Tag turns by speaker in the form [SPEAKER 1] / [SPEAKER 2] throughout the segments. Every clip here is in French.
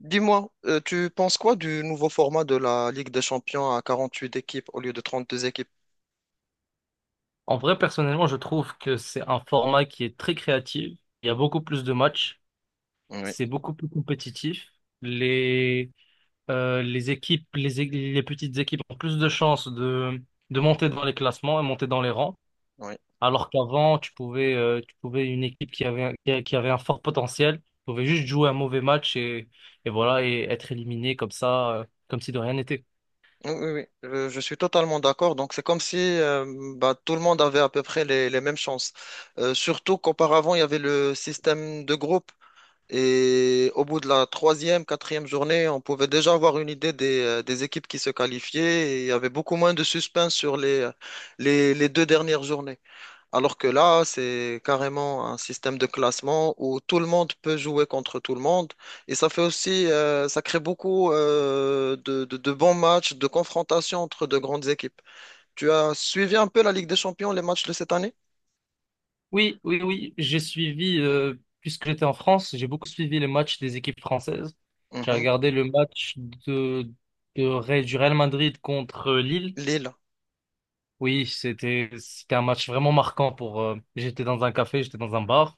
[SPEAKER 1] Dis-moi, tu penses quoi du nouveau format de la Ligue des Champions à 48 équipes au lieu de 32 équipes?
[SPEAKER 2] En vrai, personnellement, je trouve que c'est un format qui est très créatif. Il y a beaucoup plus de matchs.
[SPEAKER 1] Oui,
[SPEAKER 2] C'est beaucoup plus compétitif. Les, euh, les équipes, les, é- les petites équipes ont plus de chances de monter dans les classements et monter dans les rangs.
[SPEAKER 1] oui,
[SPEAKER 2] Alors qu'avant, tu pouvais une équipe qui avait un fort potentiel, pouvait juste jouer un mauvais match et voilà, et être éliminé comme ça, comme si de rien n'était.
[SPEAKER 1] oui, oui, oui. Je suis totalement d'accord. Donc, c'est comme si bah, tout le monde avait à peu près les mêmes chances. Surtout qu'auparavant, il y avait le système de groupe. Et au bout de la troisième, quatrième journée, on pouvait déjà avoir une idée des équipes qui se qualifiaient. Et il y avait beaucoup moins de suspense sur les deux dernières journées. Alors que là, c'est carrément un système de classement où tout le monde peut jouer contre tout le monde. Et ça fait aussi, ça crée beaucoup de bons matchs, de confrontations entre de grandes équipes. Tu as suivi un peu la Ligue des Champions, les matchs de cette année?
[SPEAKER 2] Oui, oui, oui, j'ai suivi, puisque j'étais en France, j'ai beaucoup suivi les matchs des équipes françaises. J'ai
[SPEAKER 1] Mhm.
[SPEAKER 2] regardé le match du Real Madrid contre Lille.
[SPEAKER 1] Lille.
[SPEAKER 2] Oui, c'était un match vraiment marquant. J'étais dans un café, j'étais dans un bar,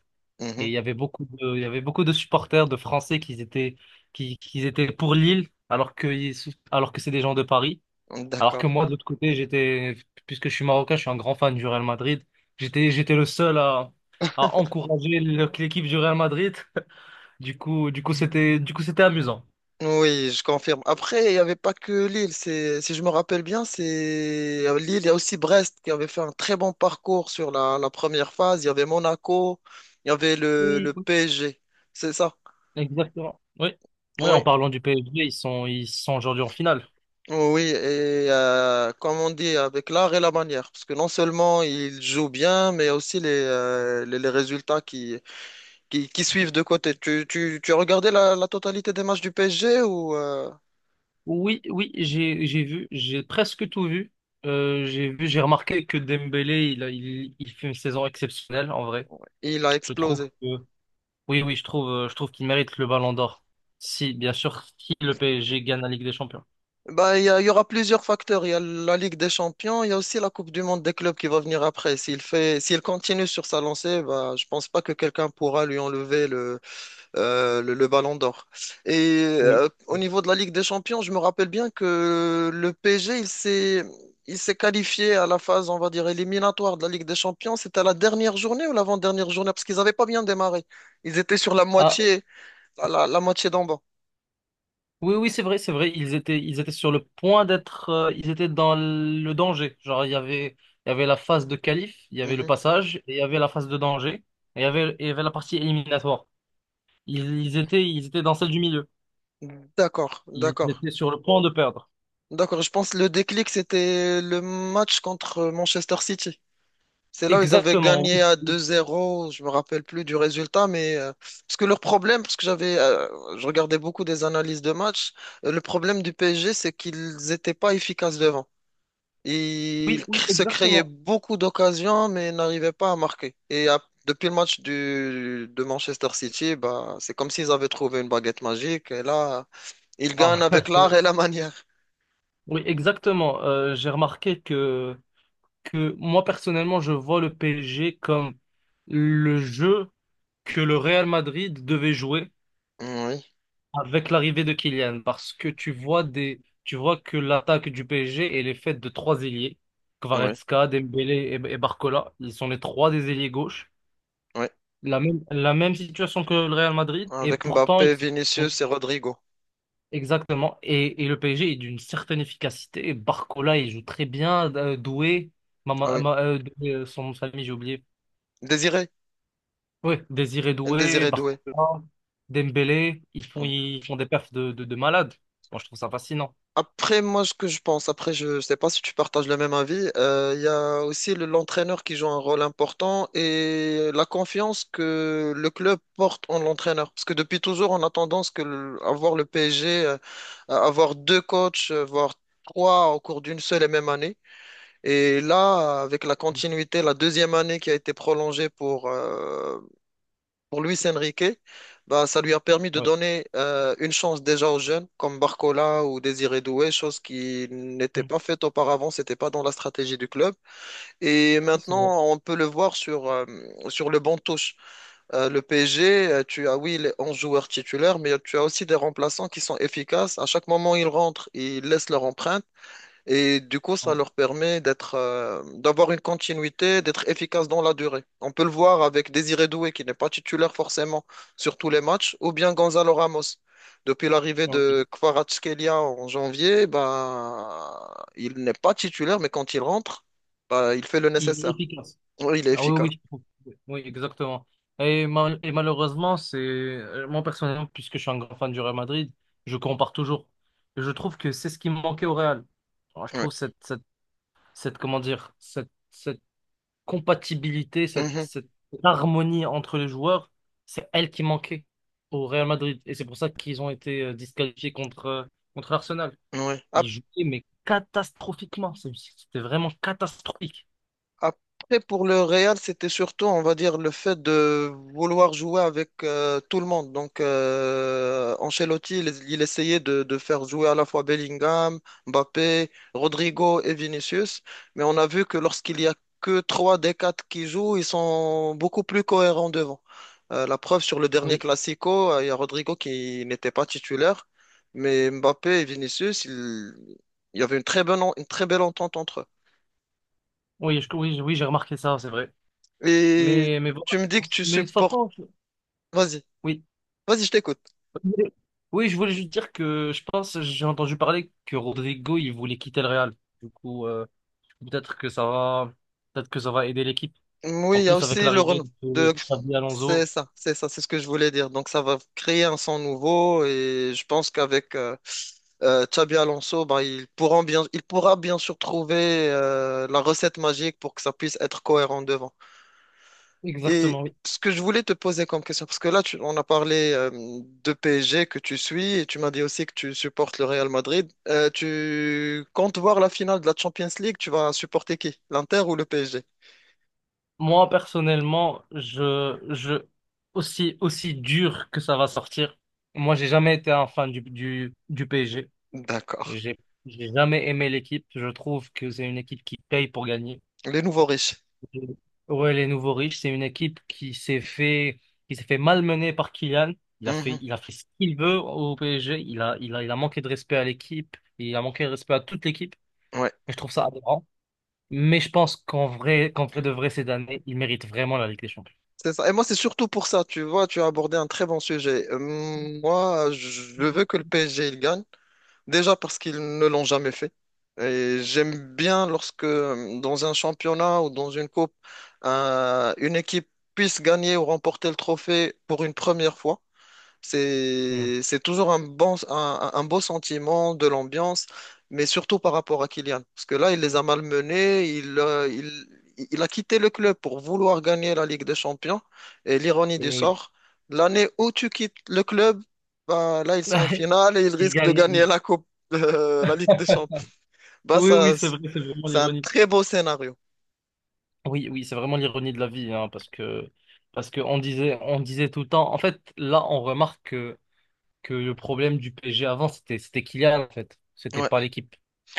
[SPEAKER 2] et
[SPEAKER 1] Mhm.
[SPEAKER 2] il y avait beaucoup de supporters de Français qui étaient pour Lille, alors que c'est des gens de Paris. Alors que
[SPEAKER 1] D'accord.
[SPEAKER 2] moi, de l'autre côté, puisque je suis marocain, je suis un grand fan du Real Madrid. J'étais le seul à encourager l'équipe du Real Madrid. Du coup, c'était amusant.
[SPEAKER 1] Oui, je confirme. Après, il n'y avait pas que Lille. C'est, si je me rappelle bien, c'est Lille. Il y a aussi Brest qui avait fait un très bon parcours sur la première phase. Il y avait Monaco. Il y avait le,
[SPEAKER 2] Oui.
[SPEAKER 1] le PSG. C'est ça.
[SPEAKER 2] Exactement. Oui. Oui, en
[SPEAKER 1] Oui,
[SPEAKER 2] parlant du PSG, ils sont aujourd'hui en finale.
[SPEAKER 1] oui. Et comme on dit, avec l'art et la manière. Parce que non seulement il joue bien, mais aussi les résultats qui suivent de côté. Tu as regardé la totalité des matchs du PSG ou
[SPEAKER 2] Oui, oui, j'ai vu, j'ai presque tout vu. J'ai remarqué que Dembélé, il fait une saison exceptionnelle, en vrai.
[SPEAKER 1] il a
[SPEAKER 2] Je trouve.
[SPEAKER 1] explosé?
[SPEAKER 2] Que. Oui, oui, je trouve qu'il mérite le Ballon d'Or. Si, bien sûr, si le PSG gagne la Ligue des Champions.
[SPEAKER 1] Bah, il y aura plusieurs facteurs. Il y a la Ligue des Champions, il y a aussi la Coupe du Monde des clubs qui va venir après. S'il continue sur sa lancée, bah, je pense pas que quelqu'un pourra lui enlever le ballon d'or. Et
[SPEAKER 2] Oui.
[SPEAKER 1] au niveau de la Ligue des Champions, je me rappelle bien que le PSG, il s'est qualifié à la phase, on va dire, éliminatoire de la Ligue des Champions. C'était la dernière journée ou l'avant-dernière journée? Parce qu'ils n'avaient pas bien démarré. Ils étaient sur la
[SPEAKER 2] Ah,
[SPEAKER 1] moitié, la moitié d'en bas.
[SPEAKER 2] oui, oui, c'est vrai, c'est vrai. Ils étaient sur le point d'être, Ils étaient dans le danger. Genre, il y avait la phase de qualif, il y avait le
[SPEAKER 1] Mhm.
[SPEAKER 2] passage, et il y avait la phase de danger, et il y avait la partie éliminatoire. Ils étaient dans celle du milieu.
[SPEAKER 1] D'accord,
[SPEAKER 2] Ils
[SPEAKER 1] d'accord.
[SPEAKER 2] étaient sur le point de perdre.
[SPEAKER 1] D'accord, je pense que le déclic, c'était le match contre Manchester City. C'est là où ils avaient
[SPEAKER 2] Exactement,
[SPEAKER 1] gagné
[SPEAKER 2] oui,
[SPEAKER 1] à deux
[SPEAKER 2] oui,
[SPEAKER 1] zéro, je me rappelle plus du résultat, mais parce que leur problème, parce que je regardais beaucoup des analyses de match, le problème du PSG, c'est qu'ils étaient pas efficaces devant. Ils
[SPEAKER 2] oui, oui,
[SPEAKER 1] se créaient
[SPEAKER 2] exactement.
[SPEAKER 1] beaucoup d'occasions, mais n'arrivaient pas à marquer. Et depuis le match de Manchester City, bah, c'est comme s'ils avaient trouvé une baguette magique, et là, ils gagnent
[SPEAKER 2] Ah,
[SPEAKER 1] avec l'art et la manière.
[SPEAKER 2] oui, exactement. J'ai remarqué que moi personnellement, je vois le PSG comme le jeu que le Real Madrid devait jouer
[SPEAKER 1] Oui,
[SPEAKER 2] avec l'arrivée de Kylian, parce que tu vois que l'attaque du PSG elle est faite de trois ailiers,
[SPEAKER 1] oui,
[SPEAKER 2] Kvaratskhelia, Dembélé et Barcola. Ils sont les trois des ailiers gauche.
[SPEAKER 1] oui.
[SPEAKER 2] La même situation que le Real Madrid, et
[SPEAKER 1] Avec
[SPEAKER 2] pourtant
[SPEAKER 1] Mbappé,
[SPEAKER 2] ils sont
[SPEAKER 1] Vinicius et Rodrigo.
[SPEAKER 2] exactement. Et le PSG est d'une certaine efficacité. Barcola il joue très bien, Doué,
[SPEAKER 1] Ah oui.
[SPEAKER 2] Doué, son nom de famille j'ai oublié.
[SPEAKER 1] Désiré.
[SPEAKER 2] Ouais, Désiré Doué,
[SPEAKER 1] Désiré Doué.
[SPEAKER 2] Barcola, Dembélé, ils font,
[SPEAKER 1] Mm.
[SPEAKER 2] ils font des perfs de malades. Moi, je trouve ça fascinant.
[SPEAKER 1] Après, moi, ce que je pense, après, je sais pas si tu partages le même avis, il y a aussi l'entraîneur qui joue un rôle important et la confiance que le club porte en l'entraîneur. Parce que depuis toujours, on a tendance à voir le PSG, à avoir deux coachs, voire trois au cours d'une seule et même année. Et là, avec la continuité, la deuxième année qui a été prolongée pour Luis Enrique, bah, ça lui a permis de
[SPEAKER 2] Ouais.
[SPEAKER 1] donner une chance déjà aux jeunes comme Barcola ou Désiré Doué, chose qui n'était
[SPEAKER 2] Mm.
[SPEAKER 1] pas faite auparavant, c'était pas dans la stratégie du club. Et
[SPEAKER 2] C'est vrai.
[SPEAKER 1] maintenant, on peut le voir sur le banc de touche. Le PSG, tu as oui les 11 joueurs titulaires, mais tu as aussi des remplaçants qui sont efficaces. À chaque moment, ils rentrent, ils laissent leur empreinte. Et du coup, ça
[SPEAKER 2] Ah,
[SPEAKER 1] leur permet d'être, d'avoir une continuité, d'être efficace dans la durée. On peut le voir avec Désiré Doué, qui n'est pas titulaire forcément sur tous les matchs, ou bien Gonzalo Ramos. Depuis l'arrivée
[SPEAKER 2] ok.
[SPEAKER 1] de Kvaratskhelia en janvier, bah, il n'est pas titulaire, mais quand il rentre, bah, il fait le
[SPEAKER 2] Il est
[SPEAKER 1] nécessaire.
[SPEAKER 2] efficace.
[SPEAKER 1] Oui, il est
[SPEAKER 2] Ah oui,
[SPEAKER 1] efficace.
[SPEAKER 2] oui, je trouve. Oui, exactement. Et malheureusement, c'est moi personnellement, puisque je suis un grand fan du Real Madrid, je compare toujours. Et je trouve que c'est ce qui me manquait au Real. Alors, je
[SPEAKER 1] Oui.
[SPEAKER 2] trouve cette, comment dire, cette compatibilité, cette,
[SPEAKER 1] Mhm.
[SPEAKER 2] cette harmonie entre les joueurs, c'est elle qui manquait au Real Madrid. Et c'est pour ça qu'ils ont été disqualifiés contre Arsenal.
[SPEAKER 1] Ouais.
[SPEAKER 2] Ils jouaient, mais catastrophiquement. C'était vraiment catastrophique.
[SPEAKER 1] Après, pour le Real, c'était surtout, on va dire, le fait de vouloir jouer avec tout le monde. Donc, Ancelotti, il essayait de faire jouer à la fois Bellingham, Mbappé, Rodrigo et Vinicius. Mais on a vu que lorsqu'il y a que trois des quatre qui jouent, ils sont beaucoup plus cohérents devant. La preuve sur le dernier
[SPEAKER 2] Oui,
[SPEAKER 1] Classico, il y a Rodrigo qui n'était pas titulaire, mais Mbappé et Vinicius, il y avait une très belle entente entre eux.
[SPEAKER 2] oui, oui, oui, j'ai remarqué ça, c'est vrai.
[SPEAKER 1] Et
[SPEAKER 2] Mais
[SPEAKER 1] tu
[SPEAKER 2] voilà.
[SPEAKER 1] me dis que tu
[SPEAKER 2] Mais de toute
[SPEAKER 1] supportes.
[SPEAKER 2] façon,
[SPEAKER 1] Vas-y,
[SPEAKER 2] oui.
[SPEAKER 1] vas-y, je t'écoute.
[SPEAKER 2] Oui, je voulais juste dire que je pense, j'ai entendu parler que Rodrigo, il voulait quitter le Real. Du coup, peut-être que ça va, peut-être que ça va aider l'équipe.
[SPEAKER 1] Oui,
[SPEAKER 2] En
[SPEAKER 1] il y a
[SPEAKER 2] plus, avec
[SPEAKER 1] aussi le
[SPEAKER 2] l'arrivée
[SPEAKER 1] Renault.
[SPEAKER 2] de
[SPEAKER 1] De...
[SPEAKER 2] Xavi
[SPEAKER 1] C'est
[SPEAKER 2] Alonso,
[SPEAKER 1] ça, c'est ça, c'est ce que je voulais dire. Donc, ça va créer un son nouveau et je pense qu'avec Xabi Alonso, bah, il pourra bien sûr trouver la recette magique pour que ça puisse être cohérent devant. Et
[SPEAKER 2] exactement, oui.
[SPEAKER 1] ce que je voulais te poser comme question, parce que là, on a parlé de PSG que tu suis et tu m'as dit aussi que tu supportes le Real Madrid. Tu comptes voir la finale de la Champions League, tu vas supporter qui? L'Inter ou le PSG?
[SPEAKER 2] Moi, personnellement, aussi, aussi dur que ça va sortir, moi, j'ai jamais été un fan du PSG.
[SPEAKER 1] D'accord.
[SPEAKER 2] J'ai, j'ai jamais aimé l'équipe. Je trouve que c'est une équipe qui paye pour gagner.
[SPEAKER 1] Les nouveaux riches.
[SPEAKER 2] Ouais, les nouveaux riches, c'est une équipe qui s'est fait malmener par Kylian. Il a fait,
[SPEAKER 1] Mhm.
[SPEAKER 2] il a fait ce qu'il veut au PSG. Il a manqué de respect à l'équipe. Il a manqué de respect à toute l'équipe.
[SPEAKER 1] Ouais,
[SPEAKER 2] Et je trouve ça aberrant. Mais je pense qu'en vrai de vrai, cette année, il mérite vraiment la Ligue des Champions.
[SPEAKER 1] c'est ça. Et moi, c'est surtout pour ça, tu vois, tu as abordé un très bon sujet. Moi, je veux que le PSG il gagne. Déjà parce qu'ils ne l'ont jamais fait. Et j'aime bien lorsque dans un championnat ou dans une coupe, une équipe puisse gagner ou remporter le trophée pour une première fois.
[SPEAKER 2] Hmm.
[SPEAKER 1] C'est toujours un bon, un beau sentiment de l'ambiance, mais surtout par rapport à Kylian. Parce que là, il les a malmenés, il a quitté le club pour vouloir gagner la Ligue des Champions. Et l'ironie du
[SPEAKER 2] Et oui.
[SPEAKER 1] sort, l'année où tu quittes le club, bah, là, ils sont en finale et ils
[SPEAKER 2] Il
[SPEAKER 1] risquent de
[SPEAKER 2] gagne.
[SPEAKER 1] gagner la coupe, la Ligue des Champions. Bah,
[SPEAKER 2] Oui, oui,
[SPEAKER 1] ça,
[SPEAKER 2] c'est vrai, c'est vraiment
[SPEAKER 1] c'est un
[SPEAKER 2] l'ironie.
[SPEAKER 1] très beau scénario.
[SPEAKER 2] Oui, oui, c'est vraiment l'ironie de la vie, hein, parce que on disait tout le temps. En fait, là, on remarque que le problème du PSG avant, c'était Kylian, en fait. C'était pas
[SPEAKER 1] Ouais.
[SPEAKER 2] l'équipe,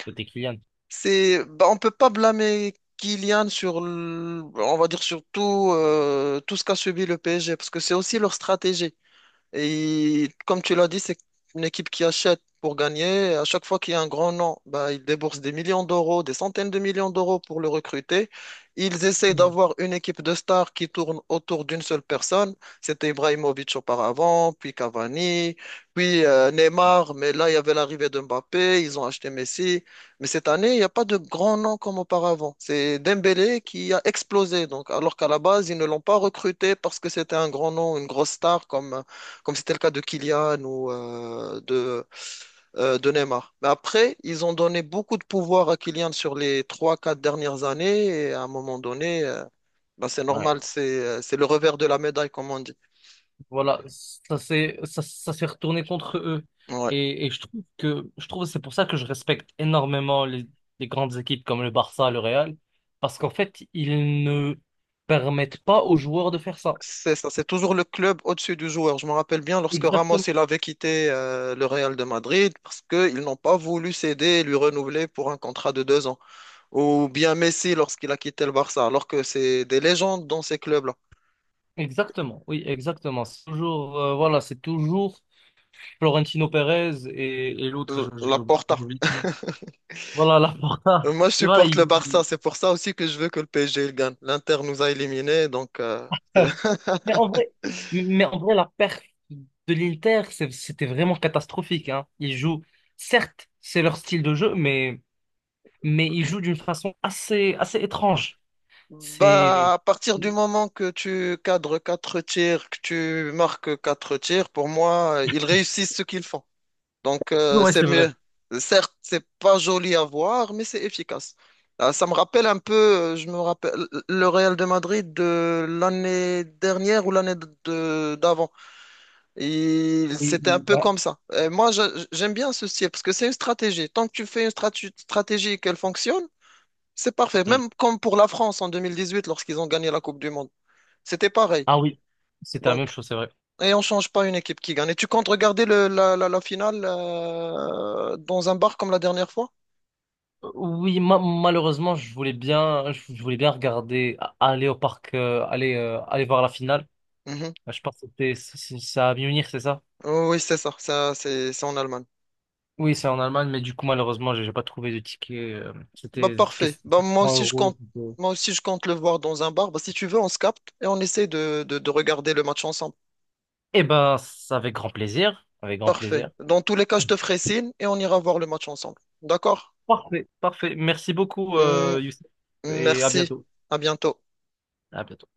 [SPEAKER 2] c'était Kylian.
[SPEAKER 1] Bah, on peut pas blâmer Kylian on va dire surtout tout ce qu'a subi le PSG, parce que c'est aussi leur stratégie. Et comme tu l'as dit, c'est une équipe qui achète pour gagner. À chaque fois qu'il y a un grand nom, bah, ils déboursent des millions d'euros, des centaines de millions d'euros pour le recruter. Ils essayent
[SPEAKER 2] Hmm.
[SPEAKER 1] d'avoir une équipe de stars qui tourne autour d'une seule personne. C'était Ibrahimovic auparavant, puis Cavani, puis Neymar. Mais là, il y avait l'arrivée de Mbappé. Ils ont acheté Messi. Mais cette année, il n'y a pas de grand nom comme auparavant. C'est Dembélé qui a explosé. Donc, alors qu'à la base, ils ne l'ont pas recruté parce que c'était un grand nom, une grosse star comme c'était le cas de Kylian ou de Neymar. Mais après, ils ont donné beaucoup de pouvoir à Kylian sur les trois quatre dernières années et à un moment donné, bah, c'est
[SPEAKER 2] Ouais.
[SPEAKER 1] normal, c'est le revers de la médaille, comme on dit.
[SPEAKER 2] Voilà, ça s'est retourné contre eux.
[SPEAKER 1] Ouais.
[SPEAKER 2] Et je trouve que c'est pour ça que je respecte énormément les grandes équipes comme le Barça, le Real, parce qu'en fait, ils ne permettent pas aux joueurs de faire ça.
[SPEAKER 1] C'est ça, c'est toujours le club au-dessus du joueur. Je me rappelle bien lorsque Ramos
[SPEAKER 2] Exactement.
[SPEAKER 1] il avait quitté le Real de Madrid parce qu'ils n'ont pas voulu céder et lui renouveler pour un contrat de deux ans. Ou bien Messi lorsqu'il a quitté le Barça, alors que c'est des légendes dans ces clubs-là.
[SPEAKER 2] Exactement, oui, exactement. Voilà, c'est toujours Florentino Pérez et l'autre, je- j'ai
[SPEAKER 1] La
[SPEAKER 2] oublié.
[SPEAKER 1] porta.
[SPEAKER 2] j'ai oublié son nom. Voilà, Laporta.
[SPEAKER 1] Moi, je
[SPEAKER 2] Et voilà,
[SPEAKER 1] supporte le Barça. C'est pour ça aussi que je veux que le PSG il gagne. L'Inter nous a éliminés, donc
[SPEAKER 2] Mais en vrai, mais en vrai, la perte de l'Inter, c'était vraiment catastrophique, hein. Ils jouent, certes, c'est leur style de jeu, mais ils jouent d'une façon assez, assez étrange. C'est,
[SPEAKER 1] Bah, à partir du moment que tu cadres quatre tirs, que tu marques quatre tirs, pour moi, ils réussissent ce qu'ils font. Donc,
[SPEAKER 2] ouais,
[SPEAKER 1] c'est
[SPEAKER 2] c'est vrai.
[SPEAKER 1] mieux. Certes, c'est pas joli à voir, mais c'est efficace. Ah, ça me rappelle un peu, je me rappelle le Real de Madrid de l'année dernière ou l'année d'avant. Et
[SPEAKER 2] Oui,
[SPEAKER 1] c'était un
[SPEAKER 2] oui,
[SPEAKER 1] peu
[SPEAKER 2] ouais.
[SPEAKER 1] comme ça. Et moi, j'aime bien ce style parce que c'est une stratégie. Tant que tu fais une stratégie et qu'elle fonctionne, c'est parfait.
[SPEAKER 2] Mm.
[SPEAKER 1] Même comme pour la France en 2018 lorsqu'ils ont gagné la Coupe du Monde. C'était pareil.
[SPEAKER 2] Ah oui, c'était la même
[SPEAKER 1] Donc,
[SPEAKER 2] chose, c'est vrai.
[SPEAKER 1] et on change pas une équipe qui gagne. Et tu comptes regarder la finale dans un bar comme la dernière fois?
[SPEAKER 2] Oui, malheureusement, je voulais bien regarder, aller au parc, aller voir la finale.
[SPEAKER 1] Mhm.
[SPEAKER 2] Je pense que c'est à Munich, c'est ça?
[SPEAKER 1] Oh oui, c'est ça. Ça, c'est en Allemagne.
[SPEAKER 2] Oui, c'est en Allemagne, mais du coup, malheureusement, j'ai pas trouvé de ticket.
[SPEAKER 1] Bah,
[SPEAKER 2] C'était des tickets
[SPEAKER 1] parfait. Bah, moi
[SPEAKER 2] cent
[SPEAKER 1] aussi, je
[SPEAKER 2] euros.
[SPEAKER 1] compte. Moi aussi, je compte le voir dans un bar. Bah, si tu veux, on se capte et on essaie de regarder le match ensemble.
[SPEAKER 2] Eh ben, c'est avec grand plaisir. Avec grand
[SPEAKER 1] Parfait.
[SPEAKER 2] plaisir.
[SPEAKER 1] Dans tous les cas, je te ferai signe et on ira voir le match ensemble. D'accord?
[SPEAKER 2] Parfait, parfait. Merci beaucoup,
[SPEAKER 1] Hum,
[SPEAKER 2] Youssef. Et à
[SPEAKER 1] merci.
[SPEAKER 2] bientôt.
[SPEAKER 1] À bientôt.
[SPEAKER 2] À bientôt.